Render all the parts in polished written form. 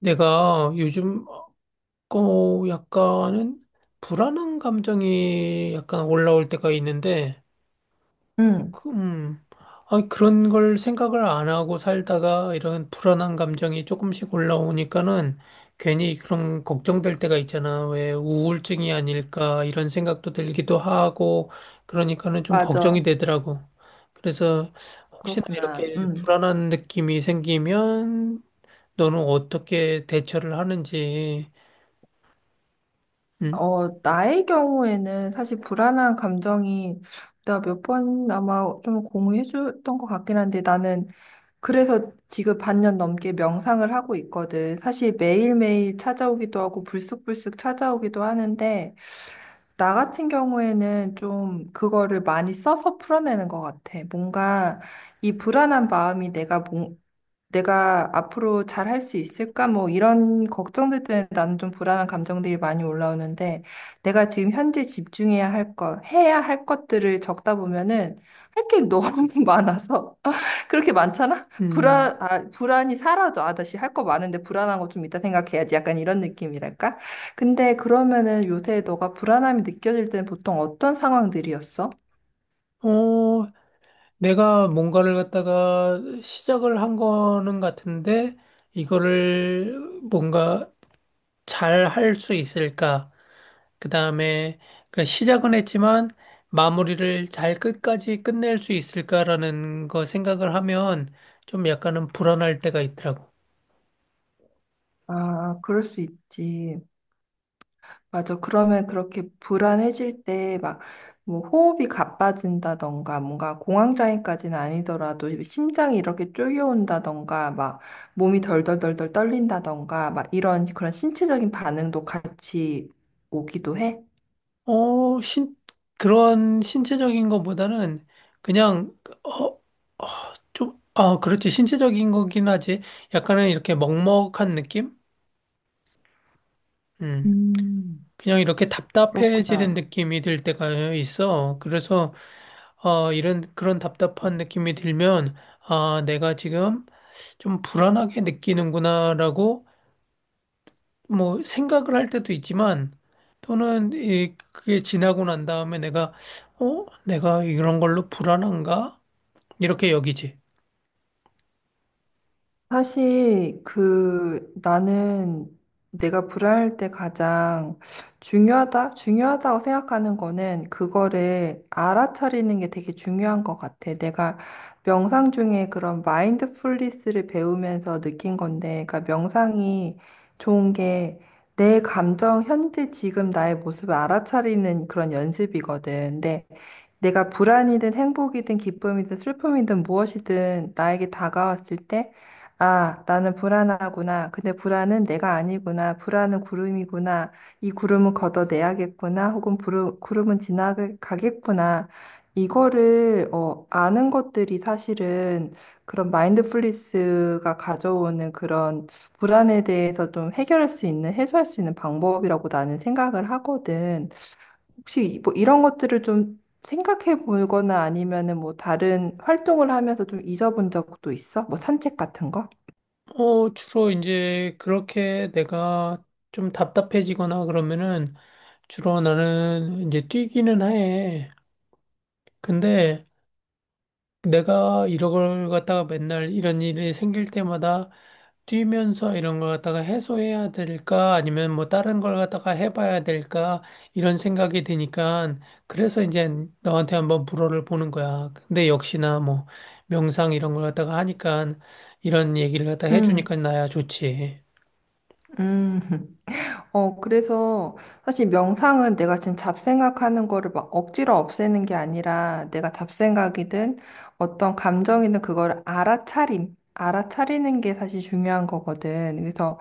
내가 요즘 약간은 불안한 감정이 약간 올라올 때가 있는데 응 그, 음, 그런 걸 생각을 안 하고 살다가 이런 불안한 감정이 조금씩 올라오니까는 괜히 그런 걱정될 때가 있잖아. 왜 우울증이 아닐까 이런 생각도 들기도 하고 그러니까는 좀 걱정이 맞아. 되더라고. 그래서 혹시나 그렇구나. 이렇게 응 불안한 느낌이 생기면 너는 어떻게 대처를 하는지. 음, 나의 경우에는 사실 불안한 감정이 내가 몇 번 아마 좀 공유해 줬던 것 같긴 한데 나는 그래서 지금 반년 넘게 명상을 하고 있거든. 사실 매일매일 찾아오기도 하고 불쑥불쑥 찾아오기도 하는데 나 같은 경우에는 좀 그거를 많이 써서 풀어내는 것 같아. 뭔가 이 불안한 마음이 내가 내가 앞으로 잘 할 수 있을까? 뭐 이런 걱정들 때문에 나는 좀 불안한 감정들이 많이 올라오는데 내가 지금 현재 집중해야 할 것, 해야 할 것들을 적다 보면은 할 게 너무 많아서 그렇게 많잖아? 음. 아, 불안이 사라져. 아, 다시 할 거 많은데 불안한 거 좀 이따 생각해야지. 약간 이런 느낌이랄까? 근데 그러면은 요새 너가 불안함이 느껴질 때는 보통 어떤 상황들이었어? 어, 내가 뭔가를 갖다가 시작을 한 거는 같은데, 이거를 뭔가 잘 할 수 있을까? 그 다음에, 시작은 했지만, 마무리를 잘 끝까지 끝낼 수 있을까라는 거 생각을 하면, 좀 약간은 불안할 때가 있더라고. 아, 그럴 수 있지. 맞아. 그러면 그렇게 불안해질 때 막 뭐 호흡이 가빠진다던가 뭔가 공황장애까지는 아니더라도 심장이 이렇게 쪼여온다던가 막 몸이 덜덜덜덜 떨린다던가 막 이런 그런 신체적인 반응도 같이 오기도 해? 어, 신, 그런 신체적인 것보다는, 그냥, 어, 좀, 아, 그렇지. 신체적인 거긴 하지. 약간은 이렇게 먹먹한 느낌? 음. 음. 그냥 이렇게 답답해지는 그렇구나. 느낌이 들 때가 있어. 그래서, 어, 이런, 그런 답답한 느낌이 들면, 아, 내가 지금 좀 불안하게 느끼는구나라고, 뭐, 생각을 할 때도 있지만, 또는, 이, 그게 지나고 난 다음에 내가, 어, 내가 이런 걸로 불안한가? 이렇게 여기지. 사실 그 나는 내가 불화할 때 가장 중요하다고 생각하는 거는 그거를 알아차리는 게 되게 중요한 것 같아. 내가 명상 중에 그런 마인드풀니스를 배우면서 느낀 건데, 그러니까 명상이 좋은 게 내 감정, 현재 지금 나의 모습을 알아차리는 그런 연습이거든. 근데 내가 불안이든 행복이든 기쁨이든 슬픔이든 무엇이든 나에게 다가왔을 때, 아, 나는 불안하구나. 근데 불안은 내가 아니구나. 불안은 구름이구나. 이 구름은 걷어내야겠구나. 혹은 구름은 지나가겠구나. 이거를 아는 것들이 사실은 그런 마인드풀리스가 가져오는 그런 불안에 대해서 좀 해결할 수 있는, 해소할 수 있는 방법이라고 나는 생각을 하거든. 혹시 뭐 이런 것들을 좀 생각해 보거나 아니면은 뭐 다른 활동을 하면서 좀 잊어본 적도 있어? 뭐 산책 같은 거? 어, 주로 이제 그렇게 내가 좀 답답해지거나 그러면은 주로 나는 이제 뛰기는 해. 근데 내가 이런 걸 갖다가 맨날 이런 일이 생길 때마다 뛰면서 이런 걸 갖다가 해소해야 될까 아니면 뭐 다른 걸 갖다가 해봐야 될까 이런 생각이 드니까 그래서 이제 너한테 한번 물어를 보는 거야. 근데 역시나 뭐 명상 이런 걸 갖다가 하니까 이런 얘기를 갖다가 해주니까 음, 나야 좋지. 음. 어, 그래서 사실 명상은 내가 지금 잡생각하는 거를 막 억지로 없애는 게 아니라 내가 잡생각이든 어떤 감정이든 그걸 알아차리는 게 사실 중요한 거거든. 그래서,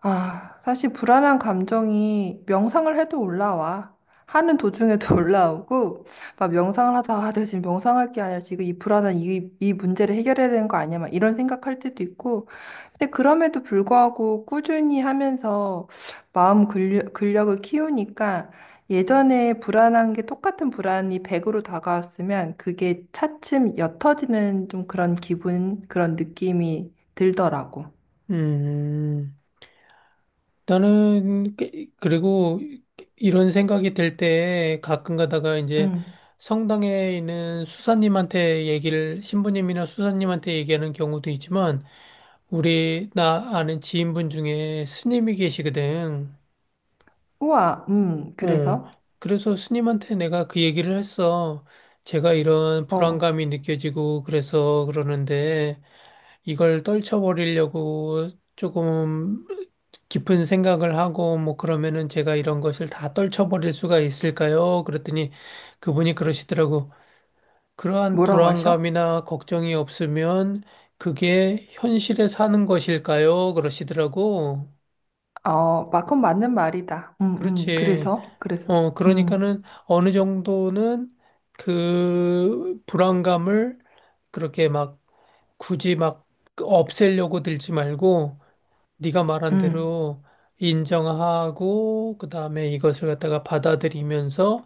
아, 사실 불안한 감정이 명상을 해도 올라와. 하는 도중에도 올라오고, 막 명상을 하다가, 아, 내가 지금 명상할 게 아니라 지금 이 불안한 이 문제를 해결해야 되는 거 아니야? 막 이런 생각할 때도 있고. 근데 그럼에도 불구하고 꾸준히 하면서 마음 근력을 키우니까 예전에 불안한 게 똑같은 불안이 100으로 다가왔으면 그게 차츰 옅어지는 좀 그런 기분, 그런 느낌이 들더라고. 음, 나는, 그- 그리고 이런 생각이 들 때 가끔 가다가 이제 음. 성당에 있는 수사님한테 얘기를, 신부님이나 수사님한테 얘기하는 경우도 있지만, 우리, 나 아는 지인분 중에 스님이 계시거든. 우와, 어, 그래서? 그래서 스님한테 내가 그 얘기를 했어. 제가 이런 어, 불안감이 느껴지고, 그래서 그러는데, 이걸 떨쳐버리려고 조금 깊은 생각을 하고 뭐 그러면은 제가 이런 것을 다 떨쳐버릴 수가 있을까요? 그랬더니 그분이 그러시더라고. 그러한 뭐라고 하셔? 불안감이나 걱정이 없으면 그게 현실에 사는 것일까요? 그러시더라고. 어, 그건 맞는 말이다. 그렇지. 그래서? 그래서? 어, 음, 그러니까는 어느 정도는 그 불안감을 그렇게 막 굳이 막 없애려고 들지 말고 네가 말한 음, 대로 인정하고 그다음에 이것을 갖다가 받아들이면서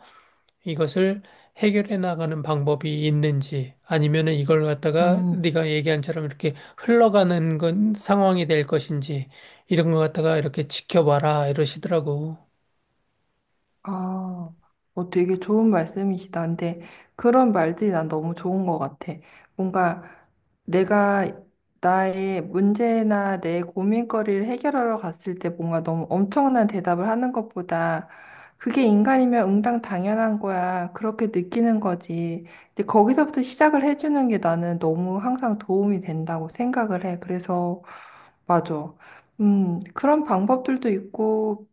이것을 해결해 나가는 방법이 있는지 아니면은 이걸 갖다가 음. 네가 얘기한처럼 이렇게 흘러가는 건 상황이 될 것인지 이런 거 갖다가 이렇게 지켜봐라 이러시더라고. 아, 어, 되게 좋은 말씀이시다. 근데 그런 말들이 난 너무 좋은 것 같아. 뭔가 내가 나의 문제나 내 고민거리를 해결하러 갔을 때 뭔가 너무 엄청난 대답을 하는 것보다 그게 인간이면 응당 당연한 거야. 그렇게 느끼는 거지. 근데 거기서부터 시작을 해주는 게 나는 너무 항상 도움이 된다고 생각을 해. 그래서, 맞아. 그런 방법들도 있고,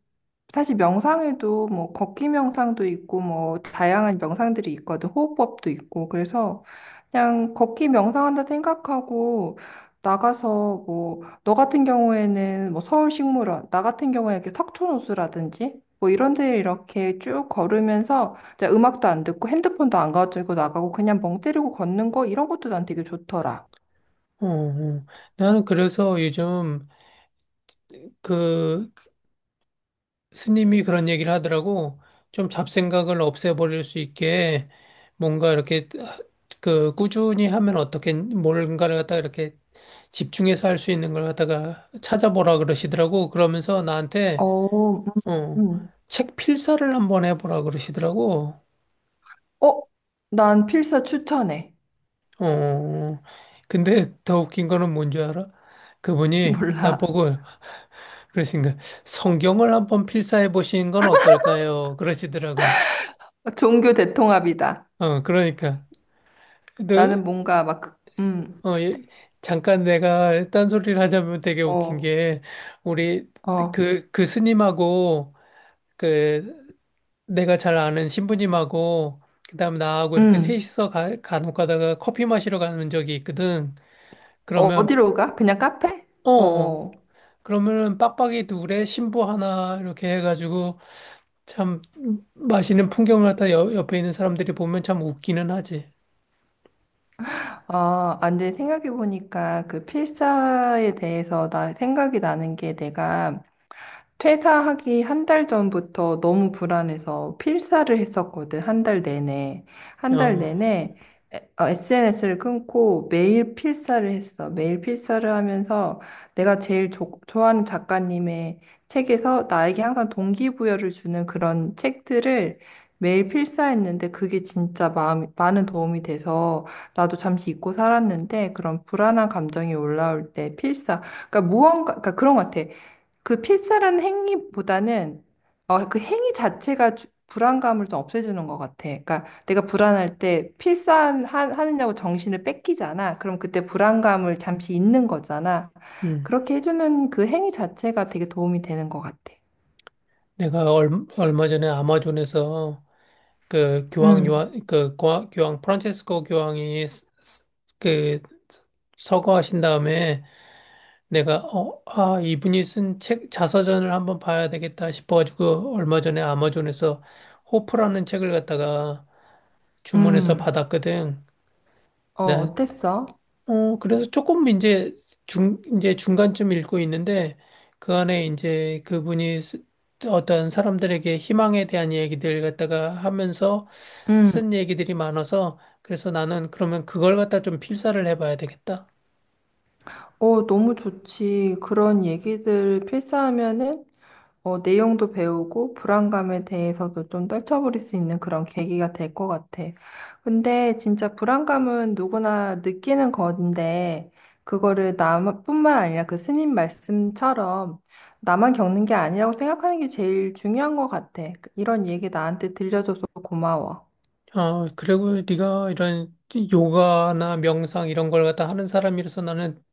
사실 명상에도 뭐 걷기 명상도 있고 뭐 다양한 명상들이 있거든. 호흡법도 있고. 그래서 그냥 걷기 명상한다 생각하고 나가서 뭐 너 같은 경우에는 뭐 서울식물원, 나 같은 경우에 이렇게 석촌호수라든지 뭐 이런 데 이렇게 쭉 걸으면서 이제 음악도 안 듣고 핸드폰도 안 가지고 나가고 그냥 멍 때리고 걷는 거 이런 것도 난 되게 좋더라. 어, 어. 나는 그래서 요즘 그 스님이 그런 얘기를 하더라고. 좀 잡생각을 없애버릴 수 있게 뭔가 이렇게 그 꾸준히 하면 어떻게 뭔가를 갖다가 이렇게 집중해서 할 수 있는 걸 갖다가 찾아보라 그러시더라고. 그러면서 나한테 어, 어, 음. 책 필사를 한번 해보라 그러시더라고. 어, 난 필사 추천해. 어, 근데 더 웃긴 거는 뭔 줄 알아? 그분이 몰라. 나보고 그러신가 성경을 한번 필사해 보시는 건 어떨까요? 그러시더라고. 종교 대통합이다. 어, 그러니까. 근데 나는 뭔가 막, 어, 예, 잠깐 내가 딴소리를 하자면 되게 웃긴 어, 게, 우리 어, 그 스님하고, 그, 내가 잘 아는 신부님하고, 그 다음 나하고 이렇게 음, 셋이서 간혹 가다가 커피 마시러 가는 적이 있거든. 어, 그러면, 어디로 가? 그냥 카페? 어, 어, 어. 어. 그러면은 빡빡이 둘에 신부 하나 이렇게 해가지고, 참, 맛있는 풍경을 갖다 옆에 있는 사람들이 보면 참 웃기는 하지. 아, 안 돼. 생각해보니까 그 필사에 대해서 나 생각이 나는 게 내가 퇴사하기 한 달 전부터 너무 불안해서 필사를 했었거든, 한 달 내내. 한 달 어, 내내 SNS를 끊고 매일 필사를 했어. 매일 필사를 하면서 내가 제일 좋아하는 작가님의 책에서 나에게 항상 동기부여를 주는 그런 책들을 매일 필사했는데 그게 진짜 마음, 많은 도움이 돼서 나도 잠시 잊고 살았는데 그런 불안한 감정이 올라올 때 필사. 그러니까 무언가, 그러니까 그런 것 같아. 그 필사라는 행위보다는 어, 그 행위 자체가 불안감을 좀 없애주는 것 같아. 그러니까 내가 불안할 때 필사하느냐고 정신을 뺏기잖아. 그럼 그때 불안감을 잠시 잊는 거잖아. 음. 그렇게 해주는 그 행위 자체가 되게 도움이 되는 것 같아. 내가 얼마 전에 아마존에서 음, 교황 프란체스코 교황이 그 서거하신 다음에 내가 아, 이분이 쓴 책 자서전을 한번 봐야 되겠다 싶어가지고 얼마 전에 아마존에서 호프라는 책을 갖다가 주문해서 음, 받았거든. 어, 나 어땠어? 어, 그래서 조금 이제 이제 중간쯤 읽고 있는데 그 안에 이제 어떤 사람들에게 희망에 대한 얘기들 갖다가 하면서 음. 쓴 얘기들이 많아서 그래서 나는 그러면 그걸 갖다 좀 필사를 해봐야 되겠다. 어, 너무 좋지. 그런 얘기들 필사하면은 어, 내용도 배우고 불안감에 대해서도 좀 떨쳐버릴 수 있는 그런 계기가 될 것 같아. 근데 진짜 불안감은 누구나 느끼는 건데, 그거를 나뿐만 아니라 그 스님 말씀처럼 나만 겪는 게 아니라고 생각하는 게 제일 중요한 것 같아. 이런 얘기 나한테 들려줘서 고마워. 어, 그리고 네가 이런 요가나 명상 이런 걸 갖다 하는 사람이라서 나는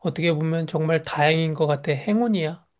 어떻게 보면 정말 다행인 것 같아. 행운이야.